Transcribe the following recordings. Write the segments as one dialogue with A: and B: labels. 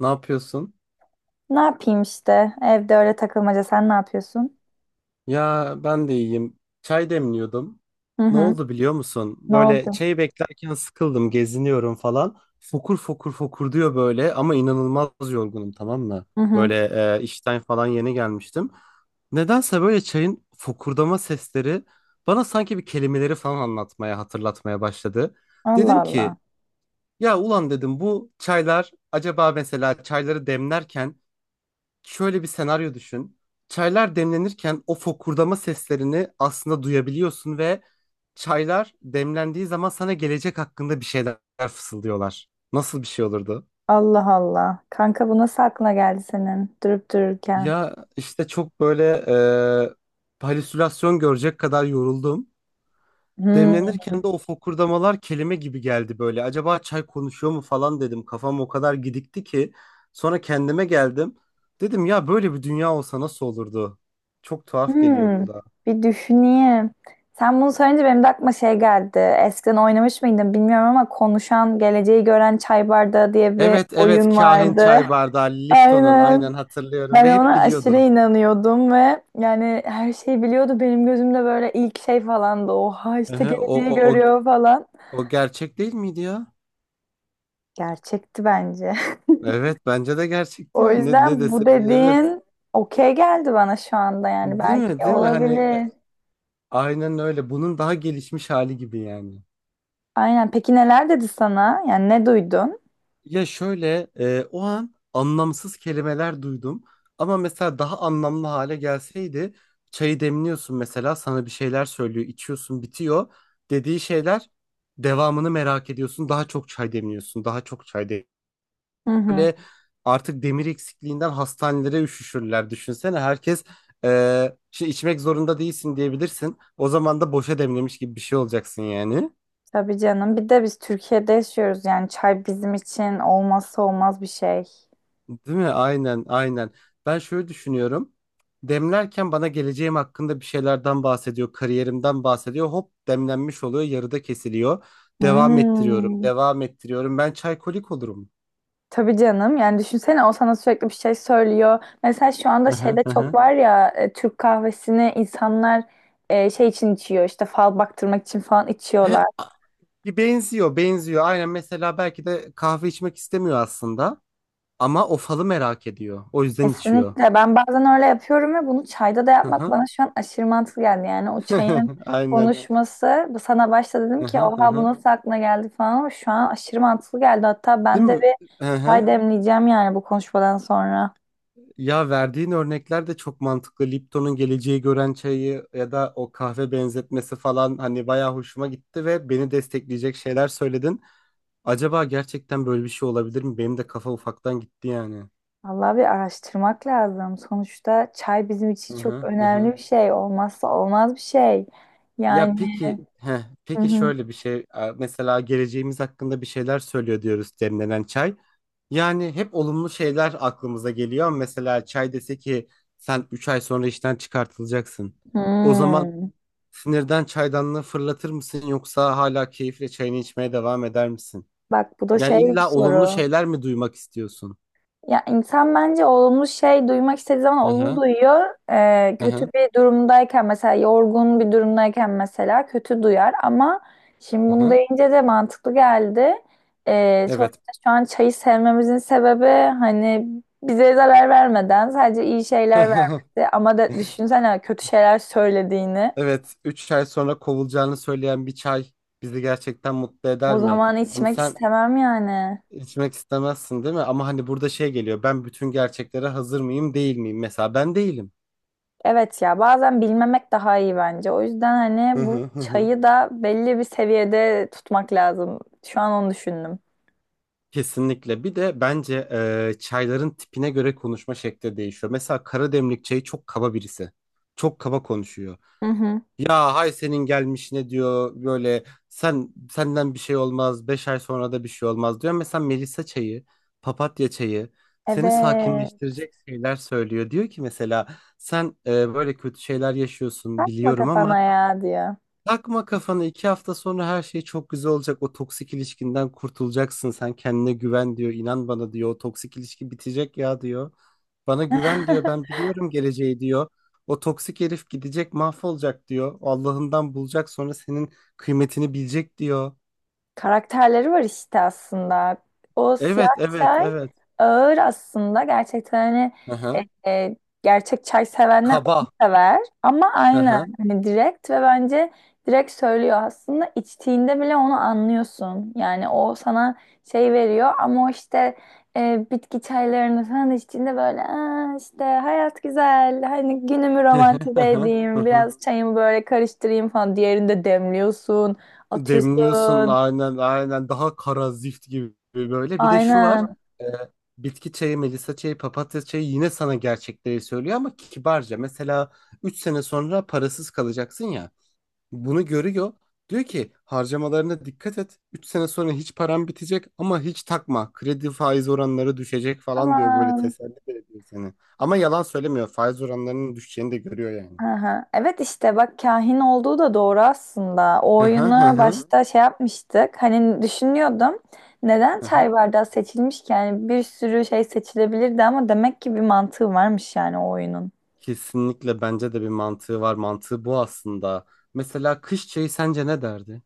A: Ne yapıyorsun?
B: Ne yapayım işte? Evde öyle takılmaca. Sen ne yapıyorsun?
A: Ya ben de iyiyim. Çay demliyordum.
B: Hı
A: Ne
B: hı.
A: oldu biliyor musun?
B: Ne
A: Böyle
B: oldu?
A: çayı beklerken sıkıldım, geziniyorum falan. Fokur fokur fokur diyor böyle ama inanılmaz yorgunum, tamam mı?
B: Hı hı.
A: Böyle işten falan yeni gelmiştim. Nedense böyle çayın fokurdama sesleri bana sanki bir kelimeleri falan anlatmaya, hatırlatmaya başladı.
B: Allah
A: Dedim
B: Allah.
A: ki ya ulan, dedim, bu çaylar acaba mesela çayları demlerken, şöyle bir senaryo düşün. Çaylar demlenirken o fokurdama seslerini aslında duyabiliyorsun ve çaylar demlendiği zaman sana gelecek hakkında bir şeyler fısıldıyorlar. Nasıl bir şey olurdu?
B: Allah Allah. Kanka bu nasıl aklına geldi senin durup dururken?
A: Ya işte çok böyle halüsinasyon görecek kadar yoruldum.
B: Hmm.
A: Demlenirken de o fokurdamalar kelime gibi geldi böyle. Acaba çay konuşuyor mu falan dedim. Kafam o kadar gidikti ki. Sonra kendime geldim. Dedim ya, böyle bir dünya olsa nasıl olurdu? Çok tuhaf geliyor
B: Hmm,
A: kulağa.
B: bir düşüneyim. Sen bunu söyleyince benim de aklıma şey geldi. Eskiden oynamış mıydın bilmiyorum ama konuşan, geleceği gören çay bardağı diye bir
A: Evet evet,
B: oyun
A: kahin
B: vardı.
A: çay bardağı Lipton'un,
B: Aynen.
A: aynen hatırlıyorum
B: Ben
A: ve hep
B: ona aşırı
A: biliyordu.
B: inanıyordum ve yani her şeyi biliyordu. Benim gözümde böyle ilk şey falan falandı. Oha işte
A: Ehe,
B: geleceği
A: o, o,
B: görüyor falan.
A: o gerçek değil miydi ya?
B: Gerçekti bence.
A: Evet, bence de gerçekti,
B: O
A: yani ne, ne
B: yüzden bu
A: desem evet,
B: dediğin okey geldi bana şu anda yani
A: değil mi,
B: belki
A: değil mi, hani
B: olabilir.
A: aynen öyle, bunun daha gelişmiş hali gibi yani.
B: Aynen. Peki neler dedi sana? Yani ne duydun?
A: Ya şöyle o an anlamsız kelimeler duydum ama mesela daha anlamlı hale gelseydi, çayı demliyorsun, mesela sana bir şeyler söylüyor, içiyorsun, bitiyor, dediği şeyler, devamını merak ediyorsun, daha çok çay demliyorsun, daha çok çay demliyorsun.
B: Hı hı.
A: Böyle artık demir eksikliğinden hastanelere üşüşürler, düşünsene, herkes şey içmek zorunda değilsin diyebilirsin, o zaman da boşa demlemiş gibi bir şey olacaksın yani.
B: Tabii canım. Bir de biz Türkiye'de yaşıyoruz yani çay bizim için olmazsa olmaz bir şey.
A: Değil mi? Aynen, aynen. Ben şöyle düşünüyorum. Demlerken bana geleceğim hakkında bir şeylerden bahsediyor, kariyerimden bahsediyor. Hop, demlenmiş oluyor, yarıda kesiliyor. Devam ettiriyorum,
B: Hmm.
A: devam ettiriyorum. Ben çaykolik olurum.
B: Tabii canım. Yani düşünsene o sana sürekli bir şey söylüyor. Mesela şu anda
A: Hı hı,
B: şeyde
A: hı
B: çok
A: hı.
B: var ya Türk kahvesini insanlar şey için içiyor işte fal baktırmak için falan
A: He,
B: içiyorlar.
A: bir benziyor, benziyor. Aynen, mesela belki de kahve içmek istemiyor aslında. Ama o falı merak ediyor. O yüzden içiyor.
B: Kesinlikle. Ben bazen öyle yapıyorum ve bunu çayda da
A: Hı
B: yapmak
A: hı.
B: bana şu an aşırı mantıklı geldi. Yani o çayın
A: Aynen.
B: konuşması bu sana başta dedim
A: Hı
B: ki
A: hı, hı
B: oha bu
A: hı.
B: nasıl aklına geldi falan ama şu an aşırı mantıklı geldi. Hatta
A: Değil
B: ben de
A: mi?
B: bir
A: Hı hı.
B: çay demleyeceğim yani bu konuşmadan sonra.
A: Ya, verdiğin örnekler de çok mantıklı. Lipton'un geleceği gören çayı ya da o kahve benzetmesi falan, hani bayağı hoşuma gitti ve beni destekleyecek şeyler söyledin. Acaba gerçekten böyle bir şey olabilir mi? Benim de kafa ufaktan gitti yani.
B: Vallahi bir araştırmak lazım. Sonuçta çay bizim için
A: Hı
B: çok
A: hı, hı
B: önemli
A: hı.
B: bir şey. Olmazsa olmaz bir şey.
A: Ya
B: Yani
A: peki, heh,
B: Hı
A: peki
B: hı.
A: şöyle bir şey. Mesela geleceğimiz hakkında bir şeyler söylüyor diyoruz demlenen çay. Yani hep olumlu şeyler aklımıza geliyor. Mesela çay dese ki sen 3 ay sonra işten çıkartılacaksın. O zaman
B: Hmm.
A: sinirden çaydanlığı fırlatır mısın, yoksa hala keyifle çayını içmeye devam eder misin?
B: Bak bu da
A: Yani
B: şey bir
A: illa olumlu
B: soru.
A: şeyler mi duymak istiyorsun?
B: Ya insan bence olumlu şey duymak istediği zaman
A: Hı
B: olumlu
A: hı,
B: duyuyor. Kötü
A: hı.
B: bir durumdayken mesela yorgun bir durumdayken mesela kötü duyar ama şimdi bunu deyince de mantıklı geldi.
A: Evet.
B: Sonuçta şu an çayı sevmemizin sebebi hani bize zarar vermeden sadece iyi şeyler vermesi ama da düşünsene kötü şeyler söylediğini.
A: Evet, üç ay sonra kovulacağını söyleyen bir çay bizi gerçekten mutlu
B: O
A: eder mi?
B: zaman
A: Hani
B: içmek
A: sen
B: istemem yani.
A: içmek istemezsin değil mi? Ama hani burada şey geliyor. Ben bütün gerçeklere hazır mıyım, değil miyim? Mesela ben değilim.
B: Evet ya bazen bilmemek daha iyi bence. O yüzden
A: Hı
B: hani bu
A: hı, hı hı.
B: çayı da belli bir seviyede tutmak lazım. Şu an onu düşündüm.
A: Kesinlikle. Bir de bence çayların tipine göre konuşma şekli değişiyor. Mesela kara demlik çayı çok kaba birisi. Çok kaba konuşuyor.
B: Hı hı.
A: Ya hay senin gelmiş ne diyor böyle, sen, senden bir şey olmaz, 5 ay sonra da bir şey olmaz diyor. Mesela melisa çayı, papatya çayı seni
B: Evet.
A: sakinleştirecek şeyler söylüyor. Diyor ki mesela sen böyle kötü şeyler yaşıyorsun,
B: Takma
A: biliyorum, ama
B: kafana ya diyor.
A: takma kafana, iki hafta sonra her şey çok güzel olacak. O toksik ilişkinden kurtulacaksın. Sen kendine güven diyor. İnan bana diyor. O toksik ilişki bitecek ya diyor. Bana güven diyor. Ben biliyorum geleceği diyor. O toksik herif gidecek, mahvolacak diyor. Allah'ından bulacak, sonra senin kıymetini bilecek diyor.
B: Karakterleri var işte aslında. O siyah
A: Evet evet
B: çay
A: evet.
B: ağır aslında. Gerçekten hani
A: Aha.
B: e, e, gerçek çay sevenler onu
A: Kaba.
B: sever. Ama aynı
A: Aha.
B: hani direkt ve bence direkt söylüyor aslında. İçtiğinde bile onu anlıyorsun. Yani o sana şey veriyor ama o işte bitki çaylarını falan içtiğinde böyle "Aa, işte hayat güzel. Hani günümü romantize edeyim. Biraz çayımı böyle karıştırayım falan." Diğerinde demliyorsun,
A: Demliyorsun,
B: atıyorsun.
A: aynen aynen, daha kara zift gibi böyle. Bir de şu var.
B: Aynen.
A: e, Bitki çayı, melisa çayı, papatya çayı yine sana gerçekleri söylüyor ama kibarca. Mesela 3 sene sonra parasız kalacaksın ya. Bunu görüyor. Diyor ki harcamalarına dikkat et. 3 sene sonra hiç param bitecek ama hiç takma. Kredi faiz oranları düşecek falan diyor, böyle
B: Aman.
A: teselli de ediyor seni. Ama yalan söylemiyor. Faiz oranlarının düşeceğini de görüyor yani.
B: Aha. Evet işte bak kahin olduğu da doğru aslında. O
A: Hı hı hı
B: oyunu
A: hı.
B: başta şey yapmıştık. Hani düşünüyordum. Neden
A: Hı hı.
B: çay bardağı seçilmiş ki? Yani bir sürü şey seçilebilirdi ama demek ki bir mantığı varmış yani o oyunun.
A: Kesinlikle bence de bir mantığı var. Mantığı bu aslında. Mesela kış çayı sence ne derdi?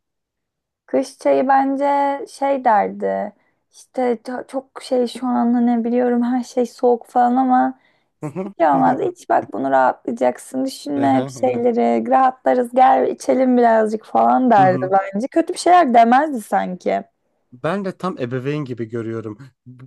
B: Kış çayı bence şey derdi. İşte çok şey şu an hani biliyorum her şey soğuk falan ama hiç şey olmaz.
A: Hı
B: İç bak bunu rahatlayacaksın. Düşünme bir şeyleri. Rahatlarız gel içelim birazcık falan derdi
A: hı.
B: bence. Kötü bir şeyler demezdi sanki.
A: Ben de tam ebeveyn gibi görüyorum. Bu-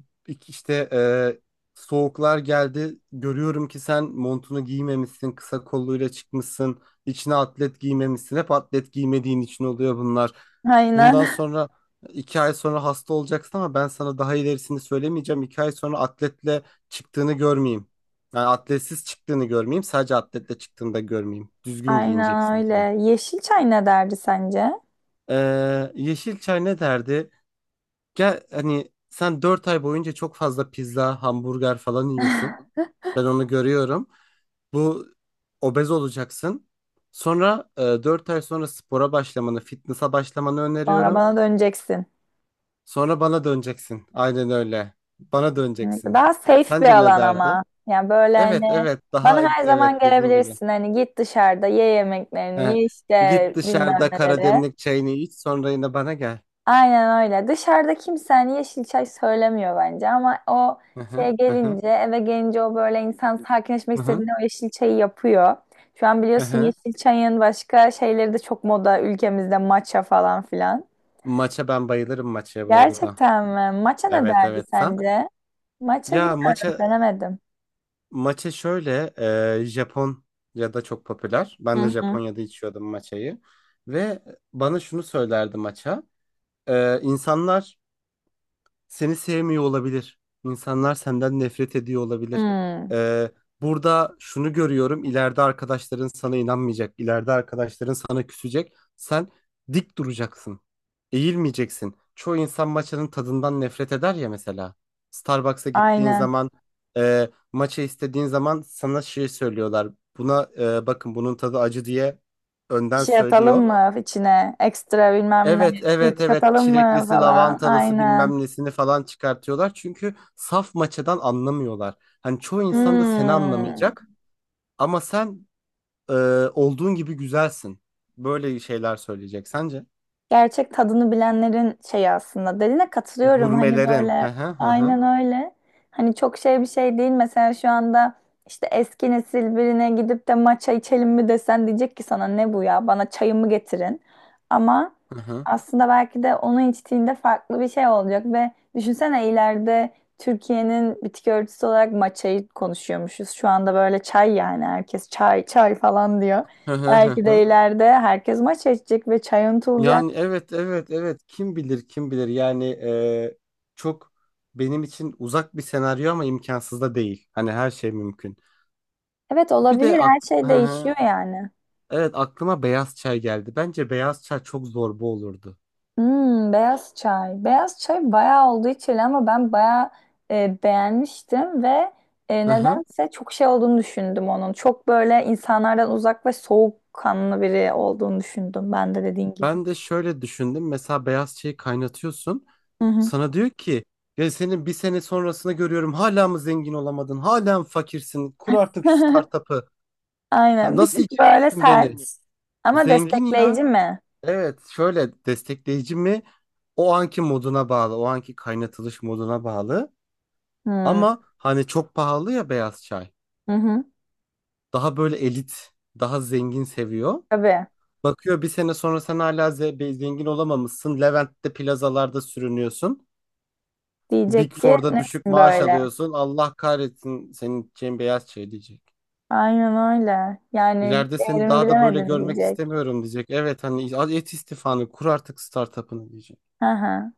A: İşte soğuklar geldi. Görüyorum ki sen montunu giymemişsin, kısa kolluyla çıkmışsın, içine atlet giymemişsin. Hep atlet giymediğin için oluyor bunlar.
B: Aynen.
A: Bundan sonra, iki ay sonra hasta olacaksın ama ben sana daha ilerisini söylemeyeceğim. İki ay sonra atletle çıktığını görmeyeyim. Yani atletsiz çıktığını görmeyeyim, sadece atletle çıktığını da görmeyeyim. Düzgün
B: Aynen
A: giyineceksin diyor.
B: öyle. Yeşil çay ne derdi sence?
A: Yeşilçay ne derdi? Gel hani, sen 4 ay boyunca çok fazla pizza, hamburger falan yiyorsun. Ben onu görüyorum. Bu obez olacaksın. Sonra 4 ay sonra spora başlamanı, fitness'a başlamanı
B: Sonra
A: öneriyorum.
B: bana döneceksin.
A: Sonra bana döneceksin. Aynen öyle. Bana
B: Evet,
A: döneceksin.
B: daha safe bir
A: Sence ne
B: alan
A: derdi?
B: ama. Yani böyle
A: Evet,
B: hani
A: evet. Daha,
B: bana her zaman
A: evet dediğin gibi.
B: gelebilirsin. Hani git dışarıda ye yemeklerini,
A: He.
B: ye
A: Git
B: işte bilmem
A: dışarıda
B: neleri.
A: karademlik çayını iç, sonra yine bana gel.
B: Aynen öyle. Dışarıda kimse hani yeşil çay söylemiyor bence ama o
A: Hı hı,
B: şeye
A: hı hı,
B: gelince, eve gelince o böyle insan sakinleşmek
A: hı hı,
B: istediğinde o yeşil çayı yapıyor. Şu an
A: hı
B: biliyorsun
A: hı.
B: yeşil çayın başka şeyleri de çok moda ülkemizde, matcha falan filan.
A: Maça ben bayılırım, maçaya bu arada.
B: Gerçekten mi? Matcha ne
A: Evet,
B: derdi
A: evet. Sen?
B: sence? Matcha
A: Ya
B: bilmiyorum,
A: maça,
B: denemedim.
A: maça şöyle Japon ya da çok popüler. Ben de
B: Hı hı.
A: Japonya'da içiyordum maçayı ve bana şunu söylerdi maça. E, insanlar seni sevmiyor olabilir. İnsanlar senden nefret ediyor olabilir.
B: Hmm.
A: Ee, burada şunu görüyorum. İleride arkadaşların sana inanmayacak. İleride arkadaşların sana küsecek. Sen dik duracaksın. Eğilmeyeceksin. Çoğu insan maçanın tadından nefret eder ya mesela. Starbucks'a gittiğin
B: Aynen.
A: zaman maça istediğin zaman sana şey söylüyorlar. Buna bakın, bunun tadı acı diye
B: Bir
A: önden
B: şey atalım
A: söylüyor.
B: mı içine? Ekstra bilmem ne.
A: Evet evet
B: Süt
A: evet,
B: katalım mı
A: çileklisi,
B: falan.
A: lavantalısı,
B: Aynen.
A: bilmem nesini falan çıkartıyorlar. Çünkü saf maçadan anlamıyorlar. Hani çoğu insan da seni
B: Hmm.
A: anlamayacak ama sen e, olduğun gibi güzelsin. Böyle şeyler söyleyecek sence?
B: Gerçek tadını bilenlerin şeyi aslında. Dediğine katılıyorum. Hani
A: Gurmelerin. Hı
B: böyle
A: hı hı hı.
B: aynen öyle. Hani çok şey bir şey değil. Mesela şu anda işte eski nesil birine gidip de matcha içelim mi desen diyecek ki sana ne bu ya? Bana çayımı getirin. Ama
A: Hı hı
B: aslında belki de onu içtiğinde farklı bir şey olacak ve düşünsene ileride Türkiye'nin bitki örtüsü olarak matcha'yı konuşuyormuşuz. Şu anda böyle çay yani herkes çay çay falan diyor.
A: hı hı hı
B: Belki de
A: hı.
B: ileride herkes maç içecek ve çay unutulacak.
A: Yani evet evet evet, kim bilir, kim bilir yani çok benim için uzak bir senaryo ama imkansız da değil. Hani her şey mümkün.
B: Evet
A: Bir
B: olabilir.
A: de
B: Her
A: hı
B: şey
A: hı.
B: değişiyor yani.
A: Evet, aklıma beyaz çay geldi. Bence beyaz çay çok zorba olurdu.
B: Hmm, beyaz çay. Beyaz çay bayağı oldu içili ama ben bayağı beğenmiştim ve
A: Hı hı.
B: nedense çok şey olduğunu düşündüm onun. Çok böyle insanlardan uzak ve soğukkanlı biri olduğunu düşündüm ben de dediğin gibi.
A: Ben de şöyle düşündüm. Mesela beyaz çayı kaynatıyorsun.
B: Hı hı.
A: Sana diyor ki ya, senin bir sene sonrasını görüyorum. Hala mı zengin olamadın? Hala mı fakirsin? Kur artık şu startup'ı. Ha,
B: Aynen. Bir
A: nasıl
B: tık böyle. Yani
A: içeceksin
B: sert
A: beni?
B: ama
A: Zengin ya.
B: destekleyici mi?
A: Evet, şöyle destekleyici mi? O anki moduna bağlı. O anki kaynatılış moduna bağlı.
B: Hmm.
A: Ama hani çok pahalı ya beyaz çay.
B: Hı hı.
A: Daha böyle elit, daha zengin seviyor.
B: Tabii.
A: Bakıyor, bir sene sonra sen hala zengin olamamışsın. Levent'te plazalarda sürünüyorsun.
B: Diyecek
A: Big
B: ki
A: Four'da düşük
B: nesin
A: maaş
B: böyle?
A: alıyorsun. Allah kahretsin senin için, beyaz şey diyecek.
B: Aynen öyle. Yani
A: İleride seni
B: değerimi
A: daha da böyle
B: bilemedin
A: görmek
B: diyecek.
A: istemiyorum diyecek. Evet, hani al et istifanı, kur artık startup'ını diyecek.
B: Hı hı.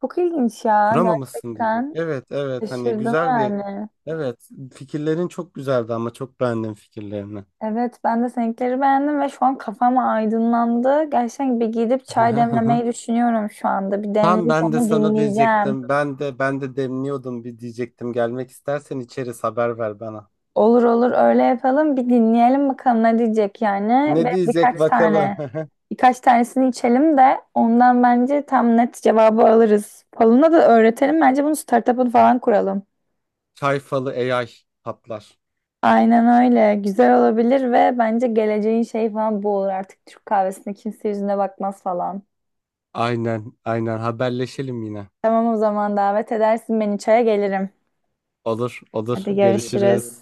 B: Çok ilginç ya
A: Kuramamışsın
B: gerçekten.
A: diyecek. Evet evet,
B: Evet.
A: hani
B: Şaşırdım
A: güzel bir,
B: yani.
A: evet, fikirlerin çok güzeldi ama, çok beğendim fikirlerini.
B: Evet ben de seninkileri beğendim ve şu an kafam aydınlandı. Gerçekten bir gidip çay demlemeyi düşünüyorum şu anda. Bir
A: Tam
B: demleyip
A: ben de
B: onu
A: sana
B: dinleyeceğim.
A: diyecektim. Ben de demliyordum bir diyecektim. Gelmek istersen içeriz, haber ver bana.
B: Olur olur öyle yapalım. Bir dinleyelim bakalım ne diyecek yani.
A: Ne
B: Ve
A: diyecek
B: birkaç
A: bakalım.
B: tane birkaç tanesini içelim de ondan bence tam net cevabı alırız. Falına da öğretelim. Bence bunu startup'ını falan kuralım.
A: Çay falı AI patlar.
B: Aynen öyle. Güzel olabilir ve bence geleceğin şey falan bu olur. Artık Türk kahvesine kimse yüzüne bakmaz falan.
A: Aynen aynen, haberleşelim yine.
B: Tamam o zaman davet edersin beni çaya gelirim.
A: Olur olur,
B: Hadi görüşürüz.
A: görüşürüz.